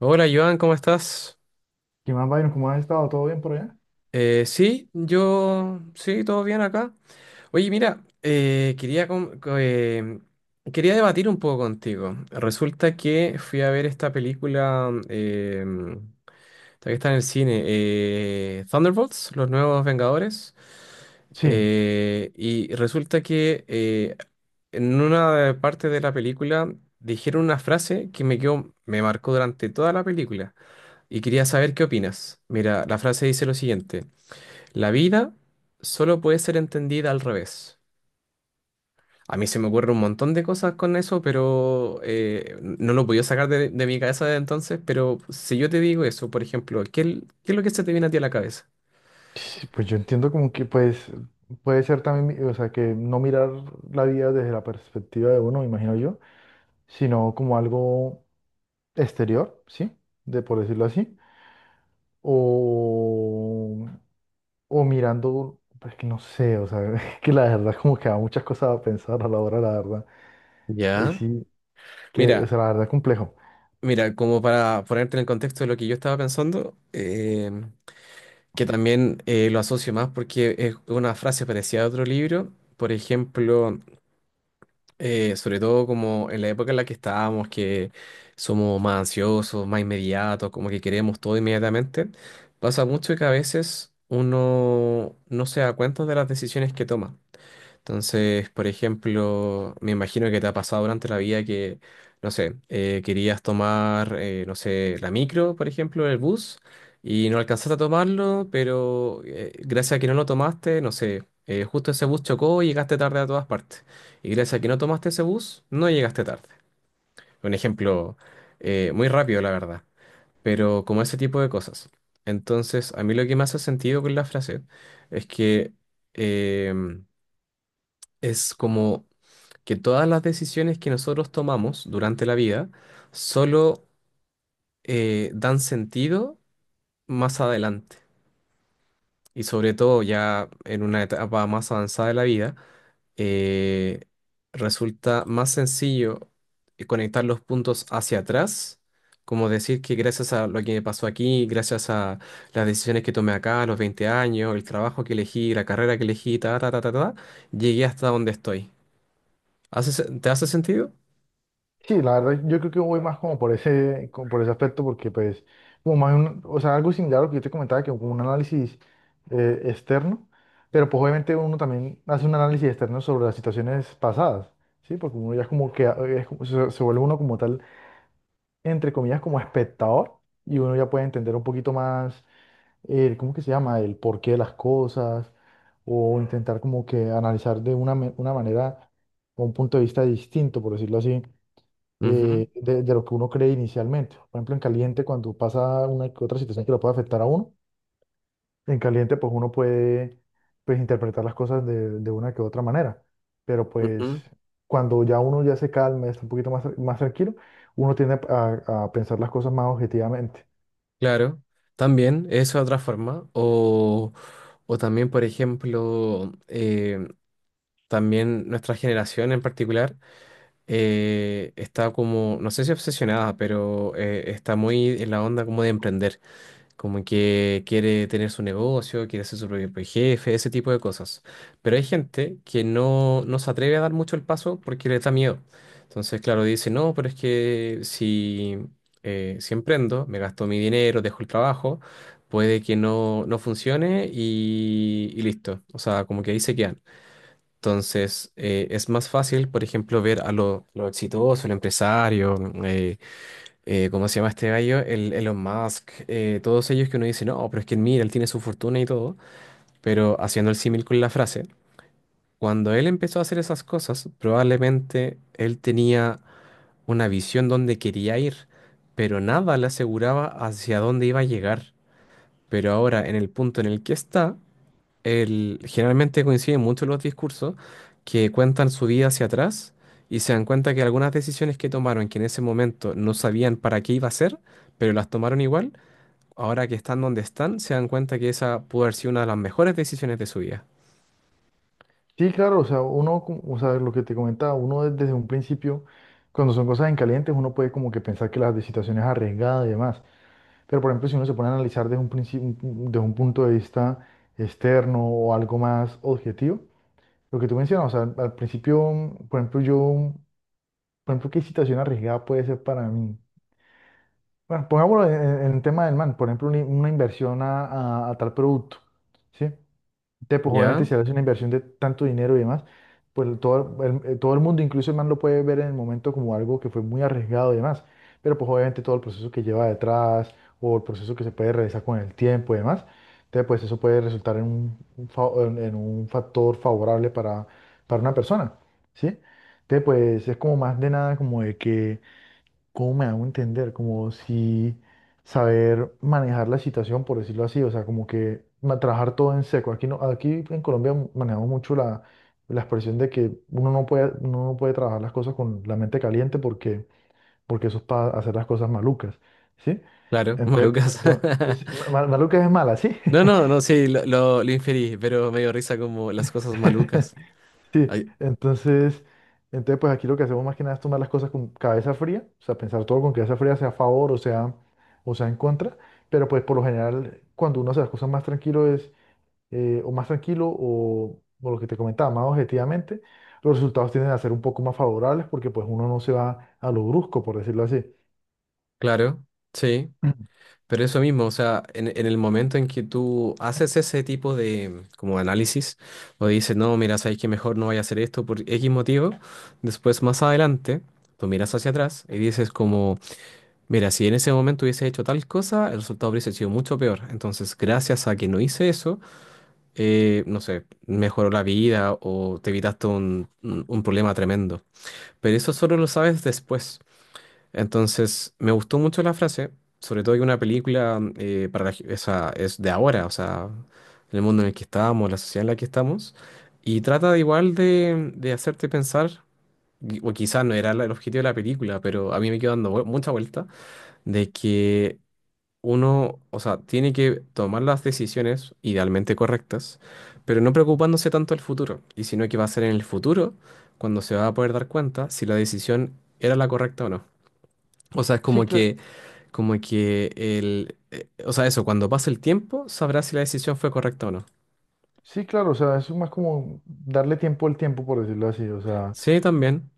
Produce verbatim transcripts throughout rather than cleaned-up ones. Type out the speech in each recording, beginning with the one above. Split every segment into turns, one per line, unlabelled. Hola Joan, ¿cómo estás?
¿Qué más, Byron? ¿Cómo has estado? ¿Todo bien por allá?
Eh, sí, yo, sí, todo bien acá. Oye, mira, eh, quería, com- co- eh, quería debatir un poco contigo. Resulta que fui a ver esta película, eh, esta que está en el cine, eh, Thunderbolts, Los Nuevos Vengadores.
Sí,
Eh, y resulta que eh, en una parte de la película dijeron una frase que me quedó, me marcó durante toda la película. Y quería saber qué opinas. Mira, la frase dice lo siguiente. La vida solo puede ser entendida al revés. A mí se me ocurre un montón de cosas con eso, pero eh, no lo podía sacar de, de mi cabeza de entonces. Pero si yo te digo eso, por ejemplo, ¿qué, qué es lo que se te viene a ti a la cabeza?
sí, pues yo entiendo como que pues puede ser también, mi- o sea, que no mirar la vida desde la perspectiva de uno, me imagino yo, sino como algo exterior, ¿sí? De por decirlo así, o, o mirando, pues que no sé, o sea, que la verdad como que da muchas cosas a pensar a la hora, la verdad. Y
Ya.
sí, que, o
Mira,
sea, la verdad complejo.
mira, como para ponerte en el contexto de lo que yo estaba pensando, eh, que también eh, lo asocio más porque es una frase parecida a otro libro. Por ejemplo... Eh, sobre todo como en la época en la que estábamos, que somos más ansiosos, más inmediatos, como que queremos todo inmediatamente, pasa mucho que a veces uno no se da cuenta de las decisiones que toma. Entonces, por ejemplo, me imagino que te ha pasado durante la vida que, no sé, eh, querías tomar, eh, no sé, la micro, por ejemplo, el bus, y no alcanzaste a tomarlo, pero eh, gracias a que no lo tomaste, no sé, eh, justo ese bus chocó y llegaste tarde a todas partes. Y gracias a que no tomaste ese bus, no llegaste tarde. Un ejemplo eh, muy rápido, la verdad, pero como ese tipo de cosas. Entonces, a mí lo que me hace sentido con la frase es que em, es como que todas las decisiones que nosotros tomamos durante la vida solo eh, dan sentido más adelante. Y sobre todo ya en una etapa más avanzada de la vida, eh, resulta más sencillo eh, conectar los puntos hacia atrás, como decir que gracias a lo que me pasó aquí, gracias a las decisiones que tomé acá a los veinte años, el trabajo que elegí, la carrera que elegí, ta, ta, ta, ta, ta, llegué hasta donde estoy. ¿Hace se- ¿te hace sentido?
Sí, la verdad, yo creo que voy más como por ese, como por ese aspecto, porque pues, como más un- o sea, algo similar a lo que yo te comentaba, que como un análisis eh, externo, pero pues obviamente uno también hace un análisis externo sobre las situaciones pasadas, ¿sí? Porque uno ya es como que eh, es como- se, se vuelve uno como tal, entre comillas, como espectador, y uno ya puede entender un poquito más, el, ¿cómo que se llama? El porqué de las cosas, o intentar como que analizar de una, me- una manera, o un punto de vista distinto, por decirlo así
Ujú,
eh, de, de lo que uno cree inicialmente. Por ejemplo, en caliente, cuando pasa una que otra situación que lo puede afectar a uno, en caliente, pues uno puede pues, interpretar las cosas de, de una que otra manera. Pero pues
ujú.
cuando ya uno ya se calma, está un poquito más, tra- más tranquilo, uno tiende a, a pensar las cosas más objetivamente.
Claro, también, eso de otra forma. O, o también, por ejemplo, eh, también nuestra generación en particular eh, está como, no sé si obsesionada, pero eh, está muy en la onda como de emprender, como que quiere tener su negocio, quiere ser su propio jefe, ese tipo de cosas. Pero hay gente que no, no se atreve a dar mucho el paso porque le da miedo. Entonces, claro, dice, no, pero es que si, eh, si emprendo, me gasto mi dinero, dejo el trabajo, puede que no, no funcione y, y listo. O sea, como que ahí se quedan. Entonces, eh, es más fácil, por ejemplo, ver a lo, lo exitoso, el empresario, eh, eh, ¿cómo se llama este gallo? El Elon Musk, eh, todos ellos que uno dice, no, pero es que mira, él tiene su fortuna y todo, pero haciendo el símil con la frase, cuando él empezó a hacer esas cosas, probablemente él tenía una visión donde quería ir, pero nada le aseguraba hacia dónde iba a llegar. Pero ahora, en el punto en el que está, el- generalmente coinciden mucho los discursos que cuentan su vida hacia atrás y se dan cuenta que algunas decisiones que tomaron, que en ese momento no sabían para qué iba a ser, pero las tomaron igual, ahora que están donde están, se dan cuenta que esa pudo haber sido una de las mejores decisiones de su vida.
Sí, claro, o sea, uno, cu- o sea, lo que te comentaba, uno desde un principio, cuando son cosas en caliente, uno puede como que pensar que las de situación es arriesgada y demás. Pero, por ejemplo, si uno se pone a analizar desde un principio, desde un punto de vista externo o algo más objetivo, lo que tú mencionas, o sea, al, al principio, mm, por ejemplo, yo, mm, por ejemplo, ¿qué situación arriesgada puede ser para mí? Bueno, pongámoslo en, en el tema del man, por ejemplo, una, una inversión a, a- a tal producto, ¿sí? Entonces, pues obviamente
¿Ya?
si haces una inversión de tanto dinero y demás, pues todo el, eh, todo el mundo, incluso el man lo puede ver en el momento como algo que fue muy arriesgado y demás, pero pues obviamente todo el proceso que lleva detrás o el proceso que se puede realizar con el tiempo y demás, entonces pues eso puede resultar en un, un fa- en, en un factor favorable para, para una persona, ¿sí? Entonces pues es como más de nada como de que ¿cómo me hago entender? Como si saber manejar la situación, por decirlo así, o sea, como que ma- trabajar todo en seco. Aquí, no, aquí en Colombia manejamos mucho la, la expresión de que uno no puede, uno no puede trabajar las cosas con la mente caliente porque, porque eso es para hacer las cosas malucas, ¿sí?
Claro,
Entonces,
malucas.
entonces ma- ma- malucas es mala, ¿sí?
No, no, no, sí, lo, lo, lo inferí, pero me dio risa como las cosas malucas.
Sí,
Ay,
entonces, entonces, pues aquí lo que hacemos más que nada es tomar las cosas con cabeza fría, o sea, pensar todo con cabeza fría, sea a favor o sea, o sea en contra, pero pues por lo general, cuando uno hace las cosas más tranquilo es, eh, o más tranquilo, o, o lo que te comentaba, más objetivamente, los resultados tienden a ser un poco más favorables porque pues uno no se va a lo brusco, por decirlo así.
claro, sí.
Ujú.
Pero eso mismo, o sea, en, en el momento en que tú haces ese tipo de como análisis o dices, no, mira, sabes que mejor no vaya a hacer esto por X motivo, después más adelante tú miras hacia atrás y dices como, mira, si en ese momento hubiese hecho tal cosa, el resultado hubiese sido mucho peor. Entonces, gracias a que no hice eso, eh, no sé, mejoró la vida o te evitaste un, un un problema tremendo. Pero eso solo lo sabes después. Entonces, me gustó mucho la frase, sobre todo que una película eh, para la ge- esa es de ahora, o sea, el mundo en el que estábamos, la sociedad en la que estamos, y trata de igual de, de hacerte pensar, y- o quizás no era la- el objetivo de la película, pero a mí me quedó dando vue- mucha vuelta, de que uno, o sea, tiene que tomar las decisiones idealmente correctas, pero no preocupándose tanto del futuro, y sino que va a ser en el futuro cuando se va a poder dar cuenta si la decisión era la correcta o no. O sea, es
Sí,
como
cla-
que como que el, eh, o sea, eso, cuando pase el tiempo, sabrás si la decisión fue correcta o no.
sí, claro, o sea, es más como darle tiempo al tiempo, por decirlo así, o sea,
Sí, también.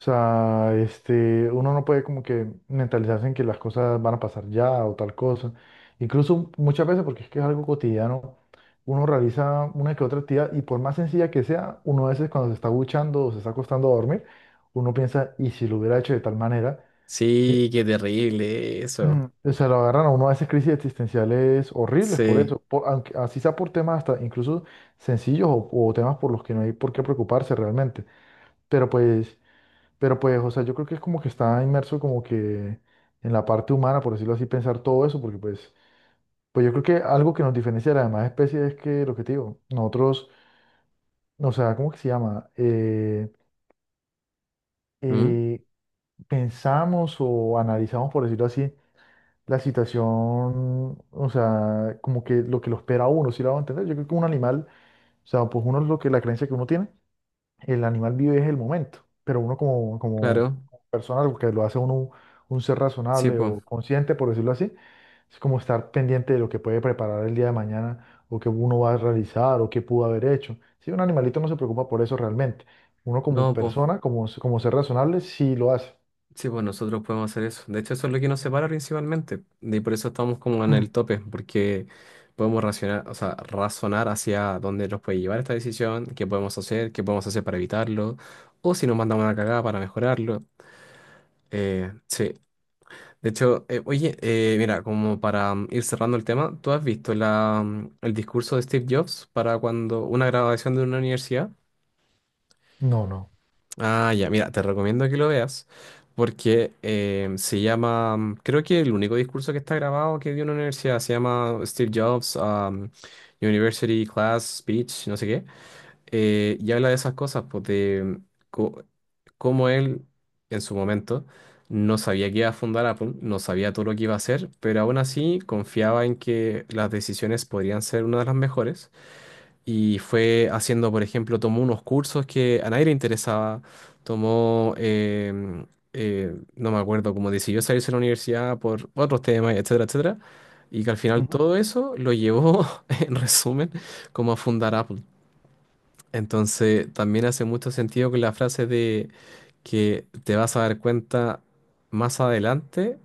o sea, este, uno no puede como que mentalizarse en que las cosas van a pasar ya o tal cosa. Incluso muchas veces, porque es que es algo cotidiano, uno realiza una que otra actividad y por más sencilla que sea, uno a veces cuando se está duchando o se está acostando a dormir, uno piensa, ¿y si lo hubiera hecho de tal manera? ¿Sí?
Sí, qué terrible eso.
Mm, o sea, lo agarran a uno a veces crisis existenciales horribles por
Sí.
eso, por- aunque, así sea por temas hasta incluso sencillos o, o temas por los que no hay por qué preocuparse realmente. Pero pues... Pero pues, o sea, yo creo que es como que está inmerso como que en la parte humana, por decirlo así, pensar todo eso, porque pues, pues yo creo que algo que nos diferencia de las demás especies es que, lo que te digo, nosotros, no, o sea, ¿cómo que se llama? Eh,
¿Mm?
eh, pensamos o analizamos, por decirlo así, la situación, o sea, como que lo que lo espera a uno, ¿si lo va a entender? Yo creo que un animal, o sea, pues uno es lo que, la creencia que uno tiene, el animal vive es el momento, pero uno como, como
Claro.
persona, lo que lo hace uno un ser
Sí,
razonable
pues.
o consciente, por decirlo así, es como estar pendiente de lo que puede preparar el día de mañana o que uno va a realizar o qué pudo haber hecho. Si un animalito no se preocupa por eso realmente, uno como
No, pues.
persona, como, como ser razonable, sí lo hace.
Sí, pues nosotros podemos hacer eso. De hecho, eso es lo que nos separa principalmente. Y por eso estamos como en el tope, porque podemos racionar, o sea, razonar hacia dónde nos puede llevar esta decisión, qué podemos hacer, qué podemos hacer para evitarlo, o si nos mandamos una cagada para mejorarlo. Eh, sí. De hecho, eh, oye, eh, mira, como para mm, ir cerrando el tema, ¿tú has visto la, mm, el discurso de Steve Jobs para cuando una graduación de una universidad?
No, no.
Ah, ya, mira, te recomiendo que lo veas porque eh, se llama, mm, creo que el único discurso que está grabado que dio una universidad se llama Steve Jobs um, University Class Speech, no sé qué eh, y habla de esas cosas, pues de co- cómo él en su momento no sabía que iba a fundar Apple, no sabía todo lo que iba a hacer, pero aún así confiaba en que las decisiones podrían ser una de las mejores. Y fue haciendo, por ejemplo, tomó unos cursos que a nadie le interesaba, tomó, em, eh, no me acuerdo, como decidió salirse de la universidad por otros temas, etcétera, etcétera. Y que al final todo eso lo llevó, en resumen, como a fundar Apple. Entonces, también hace mucho sentido que la frase de que te vas a dar cuenta más adelante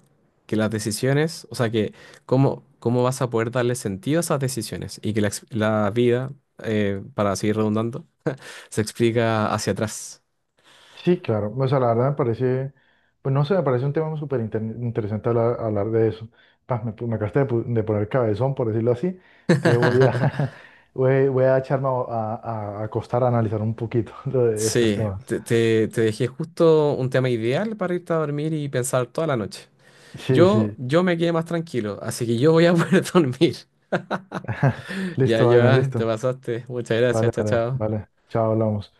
que las decisiones, o sea, que cómo, cómo vas a poder darle sentido a esas decisiones y que la, ex- la vida, eh, para seguir redundando, se explica hacia atrás.
Sí, claro. O sea, la verdad me parece, pues no sé, me parece un tema súper inter- interesante hablar, hablar de eso. Paz, me, me acabaste de, pu- de poner cabezón, por decirlo así. Te voy a, voy, voy a echarme a, a- a acostar a analizar un poquito lo de estos
Sí,
temas.
te, te- te dejé justo un tema ideal para irte a dormir y pensar toda la noche.
Sí,
Yo,
sí.
yo me quedé más tranquilo, así que yo voy a poder dormir. Ya,
Listo, Adrián,
ya, te
listo.
pasaste. Muchas gracias,
Vale,
chao,
vale,
chao.
vale. Chao, hablamos.